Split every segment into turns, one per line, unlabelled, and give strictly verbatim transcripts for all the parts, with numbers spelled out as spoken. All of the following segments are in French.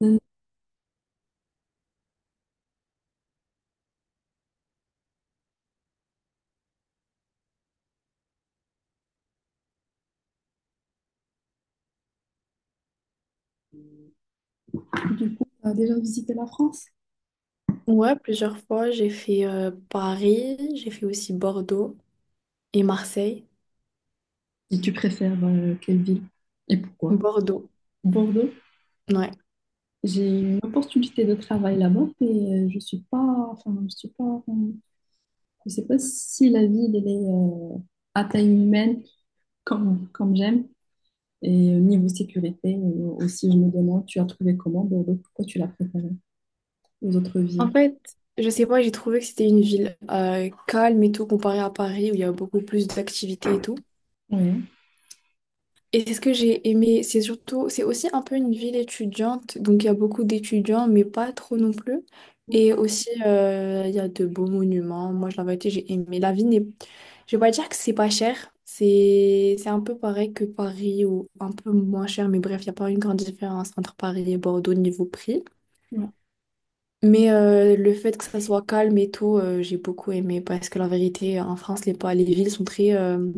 Tu as déjà visité la France?
Ouais, plusieurs fois, j'ai fait euh, Paris, j'ai fait aussi Bordeaux et Marseille.
Et tu préfères euh, quelle ville et pourquoi?
Bordeaux,
Bordeaux.
ouais.
J'ai une opportunité de travail là-bas, mais euh, je suis pas, enfin, je suis pas, euh, je sais pas si la ville elle est euh, à taille humaine comme, comme j'aime. Et au niveau sécurité euh, aussi, je me demande, tu as trouvé comment Bordeaux? Pourquoi tu l'as préféré aux autres
En
villes?
fait, je sais pas, j'ai trouvé que c'était une ville euh, calme et tout comparé à Paris où il y a beaucoup plus d'activités et tout.
Oui.
Et c'est ce que j'ai aimé, c'est surtout, c'est aussi un peu une ville étudiante, donc il y a beaucoup d'étudiants, mais pas trop non plus. Et aussi, euh, il y a de beaux monuments. Moi, je la vérité, j'ai aimé. La ville n'est, je vais pas dire que c'est pas cher, c'est c'est un peu pareil que Paris ou un peu moins cher, mais bref, il n'y a pas une grande différence entre Paris et Bordeaux niveau prix. Mais euh, le fait que ça soit calme et tout, euh, j'ai beaucoup aimé parce que la vérité, en France, les, pa- les villes sont très euh,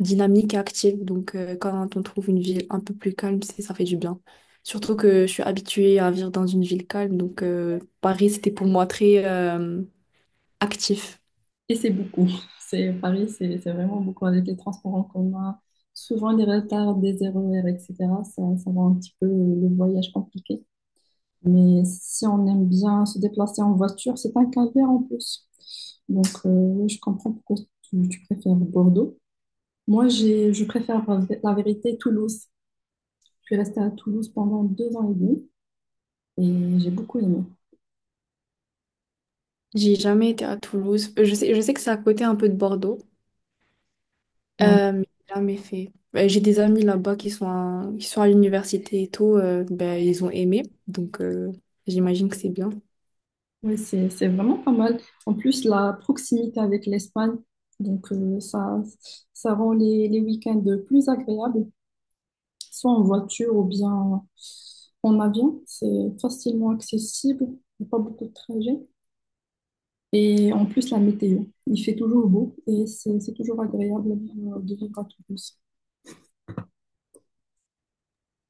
dynamiques et actives. Donc, euh, quand on trouve une ville un peu plus calme, c'est- ça fait du bien. Surtout que je suis habituée à vivre dans une ville calme. Donc, euh, Paris, c'était pour moi très euh, actif.
Et c'est beaucoup. C'est, Paris, c'est c'est vraiment beaucoup avec les transports en commun. Souvent, des retards des R E R, et cetera, ça, ça rend un petit peu le voyage compliqué. Mais si on aime bien se déplacer en voiture, c'est un calvaire en plus. Donc, euh, oui, je comprends pourquoi tu, tu préfères Bordeaux. Moi, j'ai, je préfère la vérité Toulouse. Je suis restée à Toulouse pendant deux ans et demi et j'ai beaucoup aimé.
J'ai jamais été à Toulouse. Euh, Je sais, je sais que c'est à côté un peu de Bordeaux,
Bah,
euh, mais j'ai jamais fait. Euh, J'ai des amis là-bas qui sont à, qui sont à l'université et tout. Euh, ben, ils ont aimé. Donc, euh, j'imagine que c'est bien.
oui, c'est, c'est vraiment pas mal. En plus, la proximité avec l'Espagne, donc euh, ça, ça rend les, les week-ends plus agréables, soit en voiture ou bien en avion. C'est facilement accessible, il n'y a pas beaucoup de trajets. Et en plus, la météo, il fait toujours beau et c'est c'est toujours agréable euh, de vivre à Toulouse.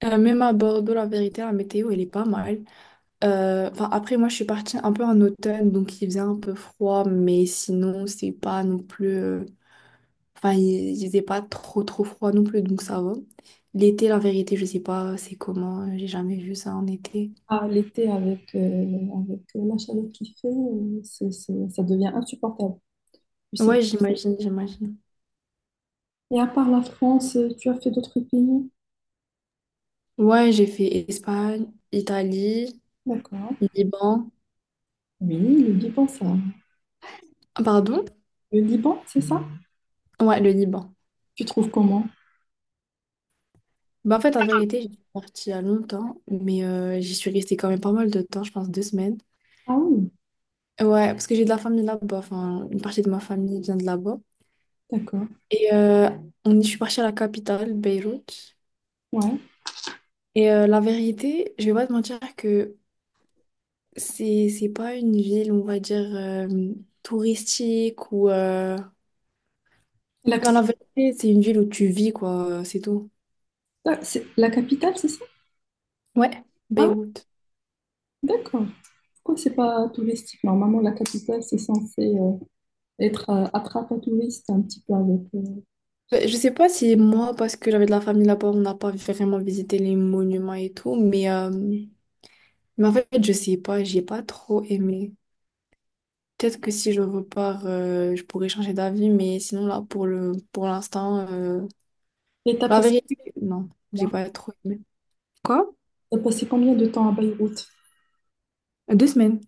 Euh, même à Bordeaux, la vérité, la météo, elle est pas mal. Euh, Enfin, après, moi, je suis partie un peu en automne, donc il faisait un peu froid, mais sinon, c'est pas non plus... euh, Enfin, il il faisait pas trop, trop froid non plus, donc ça va. L'été, la vérité, je sais pas c'est comment, euh, j'ai jamais vu ça en été.
À l'été, avec, euh, avec la chaleur qu'il fait, euh, c'est, c'est- ça devient insupportable. Tu sais.
Ouais, j'imagine, j'imagine.
Et à part la France, euh, tu as fait d'autres pays?
Ouais, j'ai fait Espagne, Italie,
D'accord.
Liban.
Oui, le Liban, ça.
Ah, pardon?
Le Liban, c'est ça?
Ouais, le Liban.
Tu trouves comment?
Bah, en fait, en vérité, j'étais partie il y a longtemps, mais euh, j'y suis restée quand même pas mal de temps, je pense deux semaines.
Ah oui,
Ouais, parce que j'ai de la famille là-bas, enfin, une partie de ma famille vient de là-bas.
d'accord.
Et euh, on y- je suis partie à la capitale, Beyrouth.
Ouais.
Et euh, la vérité, je vais pas te mentir que c'est, c'est pas une ville, on va dire, euh, touristique ou... euh,
La
Enfin,
capitale,
la vérité, c'est une ville où tu vis, quoi, c'est tout.
c'est la capitale, c'est ça?
Ouais,
Ah oui,
Beyrouth.
d'accord. Pourquoi c'est pas touristique? Normalement, la capitale, c'est censé euh, être euh, attrape à touristes un petit peu avec. euh,
Euh, Je sais pas si moi, parce que j'avais de la famille là-bas, on n'a pas vraiment visité les monuments et tout, mais, euh, mais en fait, je sais pas, j'ai pas trop aimé. Peut-être que si je repars, euh, je pourrais changer d'avis, mais sinon là, pour le, pour l'instant, euh,
Et t'as
la
passé
vérité, non, j'ai
quoi?
pas trop aimé. Quoi?
T'as passé combien de temps à Beyrouth?
Deux semaines.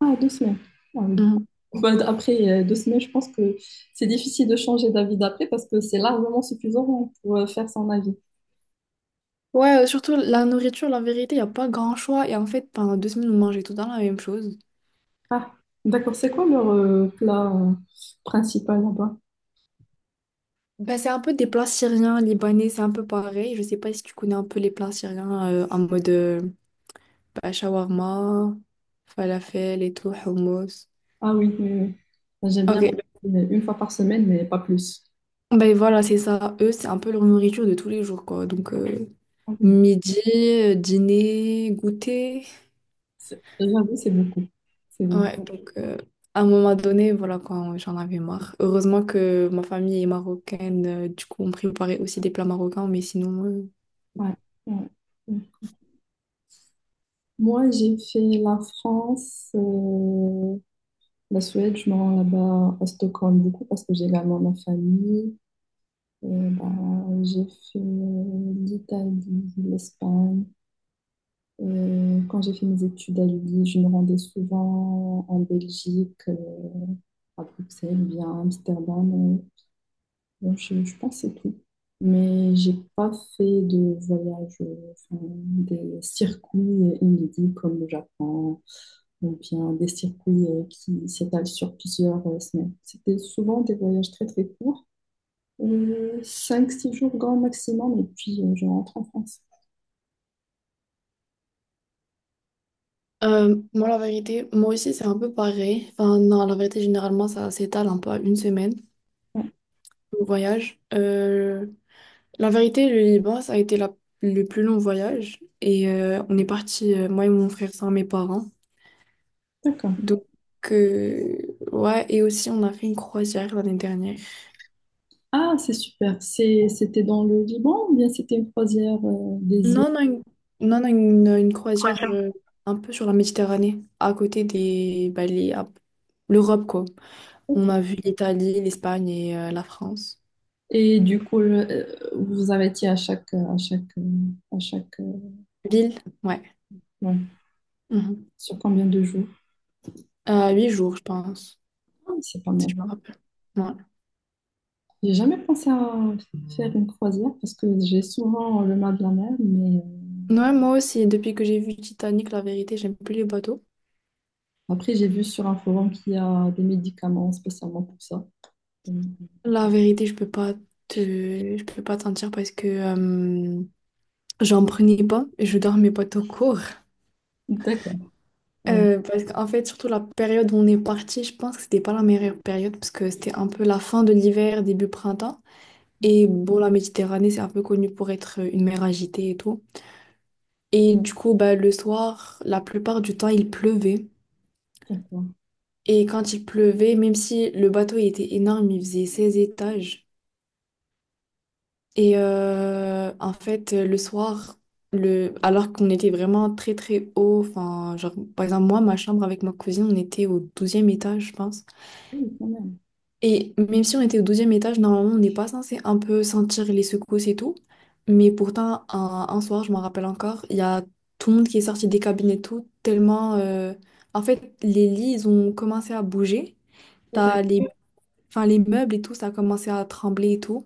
Ah, deux semaines. Ah oui.
Mhm.
Bah, d- après euh, deux semaines, je pense que c'est difficile de changer d'avis d'après parce que c'est largement suffisant pour euh, faire son avis.
Ouais, euh, surtout la nourriture, la vérité, il n'y a pas grand choix. Et en fait, pendant deux semaines, on mangeait tout le temps la même chose.
Ah, d'accord. C'est quoi leur euh, plat euh, principal là-bas?
Ben, c'est un peu des plats syriens, libanais, c'est un peu pareil. Je sais pas si tu connais un peu les plats syriens euh, en mode euh, ben, shawarma, falafel et tout, hummus.
Ah oui, oui, oui. Ah, j'aime
Ok,
bien mais une fois par semaine, mais pas plus.
ben voilà, c'est ça. Eux, c'est un peu leur nourriture de tous les jours, quoi. Donc. euh,
Ah oui.
midi, euh, dîner, goûter.
C'est- j'avoue, c'est beaucoup. C'est beaucoup.
Ouais, donc euh, à un moment donné, voilà quoi, j'en avais marre. Heureusement que ma famille est marocaine, euh, du coup on préparait aussi des plats marocains, mais sinon... euh,
Ouais, ouais. Ouais. Moi, j'ai fait la France, euh, la Suède. Je me rends là-bas à Stockholm beaucoup parce que j'ai également ma famille. Euh, bah, j'ai fait euh, l'Italie, l'Espagne. Euh, quand j'ai fait mes études à l'U I, je me rendais souvent en Belgique, euh, à Bruxelles, ou bien à Amsterdam. euh, bon, je, je pense que c'est tout. Mais j'ai pas fait de voyage, euh, enfin, des circuits inédits comme le Japon, ou bien des circuits euh, qui s'étalent sur plusieurs euh, semaines. C'était souvent des voyages très très courts, euh, cinq six jours grand maximum, et puis euh, je rentre en France.
euh, Moi la vérité, moi aussi c'est un peu pareil. Enfin non, la vérité généralement ça s'étale un peu à une semaine,
Ouais,
le voyage. Euh, la vérité, le Liban, ça a été la- le plus long voyage. Et euh, on est parti, euh, moi et mon frère sans mes parents.
d'accord.
Donc, euh, ouais, et aussi on a fait une croisière l'année dernière.
Ah, c'est super. C'est, c'était dans le Liban ou bien c'était une croisière euh, des îles?
Non, non, une, non, non, une, une croisière euh, un peu sur la Méditerranée, à côté des, bah, les- à- l'Europe, quoi. On
D'accord.
a vu l'Italie, l'Espagne et euh, la France.
Et du coup, le- euh, vous arrêtiez à chaque, euh, à chaque, euh, à chaque, euh,
Lille, ouais.
ouais,
Mhm.
sur combien de jours?
Euh, huit jours, je pense,
Ah, c'est pas
si
mal.
je me rappelle. Ouais.
J'ai jamais pensé à faire une croisière parce que j'ai souvent le mal de la mer, mais euh,
Ouais, moi aussi, depuis que j'ai vu Titanic, la vérité, j'aime plus les bateaux.
après j'ai vu sur un forum qu'il y a des médicaments spécialement pour ça. Donc,
La vérité, je peux pas te, je peux pas te mentir parce que euh, j'en prenais pas et je dormais pas tout court.
d'accord, ouais,
Euh, parce qu'en fait, surtout la période où on est parti, je pense que c'était pas la meilleure période parce que c'était un peu la fin de l'hiver, début printemps. Et bon, la Méditerranée, c'est un peu connu pour être une mer agitée et tout. Et du coup, bah, le soir, la plupart du temps, il pleuvait.
d'accord.
Et quand il pleuvait, même si le bateau il était énorme, il faisait seize étages. Et euh, en fait, le soir, le... alors qu'on était vraiment très très haut, enfin, genre, par exemple, moi, ma chambre avec ma cousine, on était au douzième étage, je pense.
Oui, quand même.
Et même si on était au douzième étage, normalement, on n'est pas censé un peu sentir les secousses et tout. Mais pourtant, un, un soir, je m'en rappelle encore, il y a tout le monde qui est sorti des cabines et tout, tellement... euh, En fait, les lits, ils ont commencé à bouger.
Et t'as,
T'as les... Enfin, les meubles et tout, ça a commencé à trembler et tout.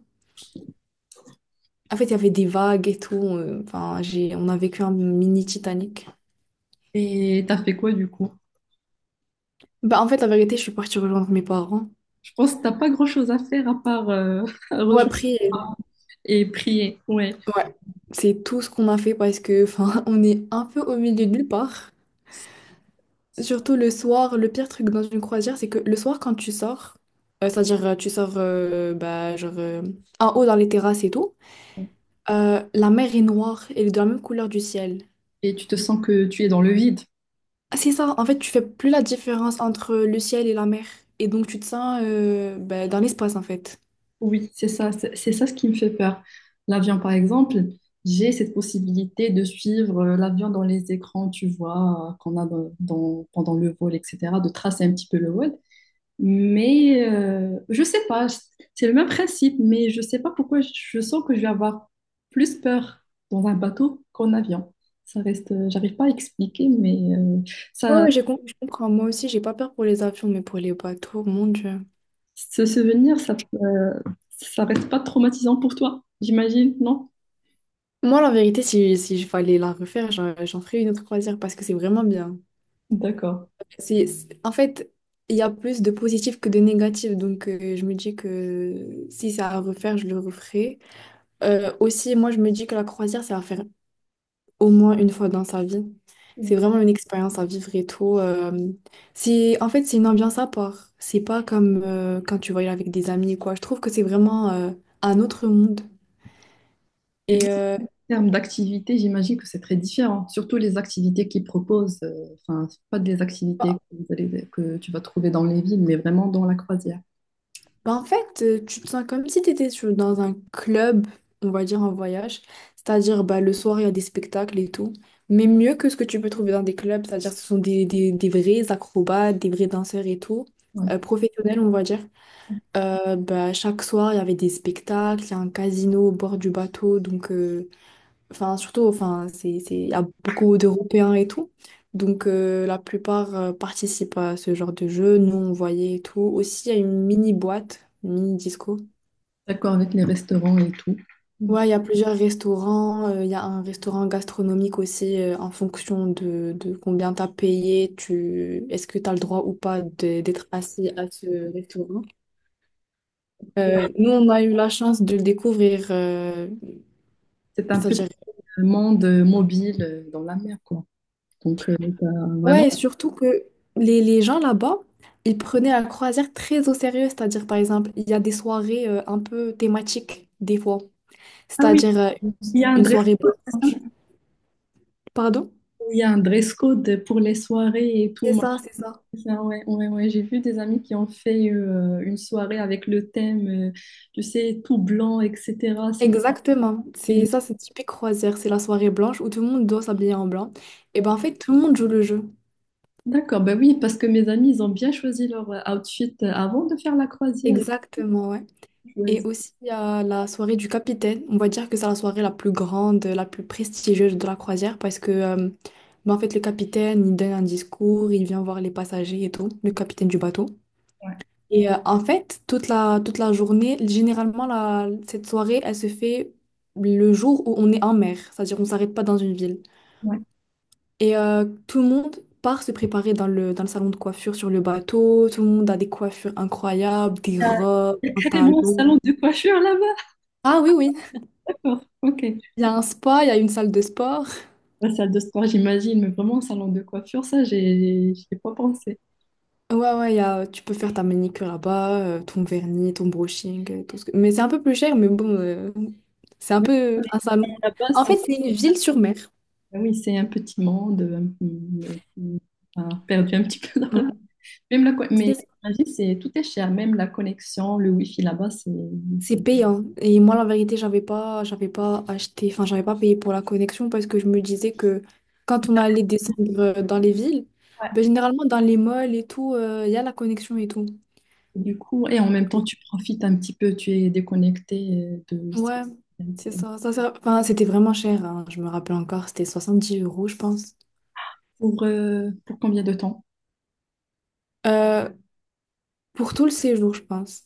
En fait, il y avait des vagues et tout. euh, Enfin, j'ai... On a vécu un mini Titanic.
et t'as fait quoi du coup?
Bah, en fait, la vérité, je suis partie rejoindre mes parents.
Je pense que t'as pas grand-chose à faire à part euh,
Ouais,
rejoindre
après, euh,
et prier, ouais.
ouais, c'est tout ce qu'on a fait parce que, enfin, on est un peu au milieu de nulle part. Surtout le soir, le pire truc dans une croisière, c'est que le soir, quand tu sors, euh, c'est-à-dire euh, tu sors euh, bah, genre, euh, en haut dans les terrasses et tout, euh, la mer est noire, elle est de la même couleur du ciel.
Et tu te sens que tu es dans le vide.
Ah, c'est ça, en fait, tu fais plus la différence entre le ciel et la mer. Et donc, tu te sens euh, bah, dans l'espace, en fait.
Oui, c'est ça, c'est c'est ça ce qui me fait peur. L'avion, par exemple, j'ai cette possibilité de suivre euh, l'avion dans les écrans, tu vois, euh, qu'on a dans, dans- pendant le vol, et cetera, de tracer un petit peu le vol. Mais euh, je sais pas, c'est le même principe, mais je sais pas pourquoi je je sens que je vais avoir plus peur dans un bateau qu'en avion. Ça reste, euh, j'arrive pas à expliquer, mais euh,
Ouais,
ça,
ouais, j'ai com- je comprends. Moi aussi, j'ai pas peur pour les avions, mais pour les bateaux, mon Dieu.
ce souvenir, ça, euh, ça reste pas traumatisant pour toi, j'imagine, non?
Moi, la vérité, si, si je fallait la refaire, j'en j'en ferais une autre croisière parce que c'est vraiment bien.
D'accord.
C'est, c'est- en fait, il y a plus de positif que de négatif. Donc, euh, je me dis que si c'est à refaire, je le referai. Euh, aussi, moi, je me dis que la croisière, c'est à faire au moins une fois dans sa vie. C'est vraiment une expérience à vivre et tout. Euh, c'est, en fait, c'est une ambiance à part. C'est pas comme euh, quand tu voyages avec des amis, quoi. Je trouve que c'est vraiment euh, un autre monde.
Et
Et
même
euh,
en termes d'activité, j'imagine que c'est très différent. Surtout les activités qu'ils proposent, euh, enfin, c'est pas des activités que, vous allez- que tu vas trouver dans les villes, mais vraiment dans la croisière.
Bah, en fait, euh, tu te sens comme si tu étais dans un club, on va dire en voyage. C'est-à-dire, bah, le soir, il y a des spectacles et tout. Mais mieux que ce que tu peux trouver dans des clubs, c'est-à-dire ce sont des, des, des vrais acrobates, des vrais danseurs et tout,
Ouais.
euh, professionnels, on va dire. Euh, bah, chaque soir, il y avait des spectacles, il y a un casino au bord du bateau, donc euh, enfin, surtout, enfin, c'est, c'est, il y a beaucoup d'Européens et tout. Donc, euh, la plupart euh, participent à ce genre de jeu. Nous, on voyait et tout. Aussi, il y a une mini boîte, une mini disco.
D'accord avec les restaurants et tout. Donc,
Ouais, il y a plusieurs restaurants. euh, Il y a un restaurant gastronomique aussi euh, en fonction de, de combien tu as payé. Tu, est-ce que tu as le droit ou pas de- d'être assis à ce restaurant? Euh, nous, on a eu la chance de le découvrir, euh,
c'est un petit
c'est-à-dire.
monde mobile euh, dans la mer, quoi. Donc, euh, t'as vraiment.
Ouais, et surtout que les, les gens là-bas, ils prenaient la croisière très au sérieux. C'est-à-dire, par exemple, il y a des soirées euh, un peu thématiques, des fois.
Ah oui,
C'est-à-dire euh, une,
il y a un
une
dress
soirée
code, c'est ça?
blanche. Pardon?
Il y a un dress code pour les soirées et
C'est
tout.
ça, c'est ça.
C'est ça, ouais, ouais, ouais. J'ai vu des amis qui ont fait euh, une soirée avec le thème, euh, tu sais, tout blanc, et cetera. C'était.
Exactement. C'est ça, c'est typique croisière. C'est la soirée blanche où tout le monde doit s'habiller en blanc. Et ben en fait, tout le monde joue le jeu.
D'accord, bah oui, parce que mes amis, ils ont bien choisi leur euh, outfit euh, avant de faire la croisière. Et
Exactement, ouais.
tout, ouais.
Et aussi, il y a la soirée du capitaine. On va dire que c'est la soirée la plus grande, la plus prestigieuse de la croisière parce que, euh, bah, en fait, le capitaine, il donne un discours, il vient voir les passagers et tout, le capitaine du bateau. Et euh, en fait, toute la, toute la journée, généralement, la, cette soirée, elle se fait le jour où on est en mer, c'est-à-dire on ne s'arrête pas dans une ville.
Ouais.
Et euh, tout le monde part se préparer dans le, dans le salon de coiffure sur le bateau. Tout le monde a des coiffures incroyables, des robes,
Il y a
un
carrément un
talon.
salon de coiffure là-bas.
Ah oui, oui.
D'accord, ok.
Il y a un spa, il y a une salle de sport.
La salle de sport, j'imagine, mais vraiment un salon de coiffure, ça, j'ai, j'y ai pas pensé.
Ouais, ouais, il y a, tu peux faire ta manicure là-bas, euh, ton vernis, ton brushing, euh, tout ce que... Mais c'est un peu plus cher, mais bon, euh, c'est un
Mais
peu un salon.
là-bas,
En fait,
c'est,
c'est une ville sur mer.
bah oui, c'est un petit monde, euh, qui qui a perdu un petit peu.
Ouais,
Même la, co- mais
c'est
la vie, c'est, tout est cher, même la connexion, le wifi là-bas, c'est,
C'est
c'est-
payant. Et moi, la vérité, j'avais pas, j'avais pas acheté, enfin, j'avais pas payé pour la connexion parce que je me disais que quand on allait descendre euh, dans les villes,
ouais.
ben, généralement, dans les malls et tout, euh, il y a la connexion et tout.
Et du coup, et en même temps, tu profites un petit peu, tu es déconnecté euh, de...
Ouais, c'est ça. ça, ça- Enfin, c'était vraiment cher, hein, je me rappelle encore, c'était soixante-dix euros, je pense.
Pour, euh, pour combien de temps?
Euh, pour tout le séjour, je pense.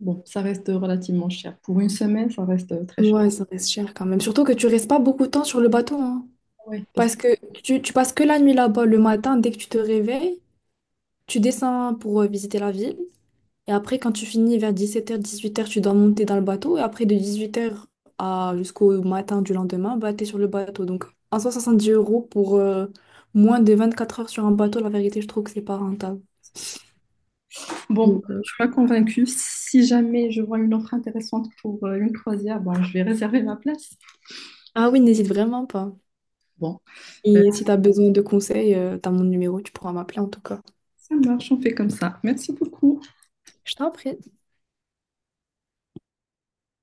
Bon, ça reste relativement cher. Pour une semaine, ça reste euh, très cher.
Ouais, ça reste cher quand même. Surtout que tu restes pas beaucoup de temps sur le bateau, hein.
Ah ouais, parce
Parce
que
que tu, tu passes que la nuit là-bas. Le matin, dès que tu te réveilles, tu descends pour euh, visiter la ville. Et après, quand tu finis vers dix-sept heures, dix-huit heures, tu dois monter dans le bateau. Et après, de dix-huit heures à jusqu'au matin du lendemain, bah, t'es sur le bateau. Donc, en soi, dix euros pour euh, moins de vingt-quatre heures sur un bateau, la vérité, je trouve que c'est pas rentable.
c'est- Bon,
Donc, euh,
je suis pas convaincue. Si jamais je vois une offre intéressante pour euh, une croisière, bon, je vais réserver ma place.
ah oui, n'hésite vraiment pas.
Bon, euh,
Et si tu as besoin de conseils, tu as mon numéro, tu pourras m'appeler en tout cas.
ça marche, on fait comme ça. Merci beaucoup.
Je t'en prie.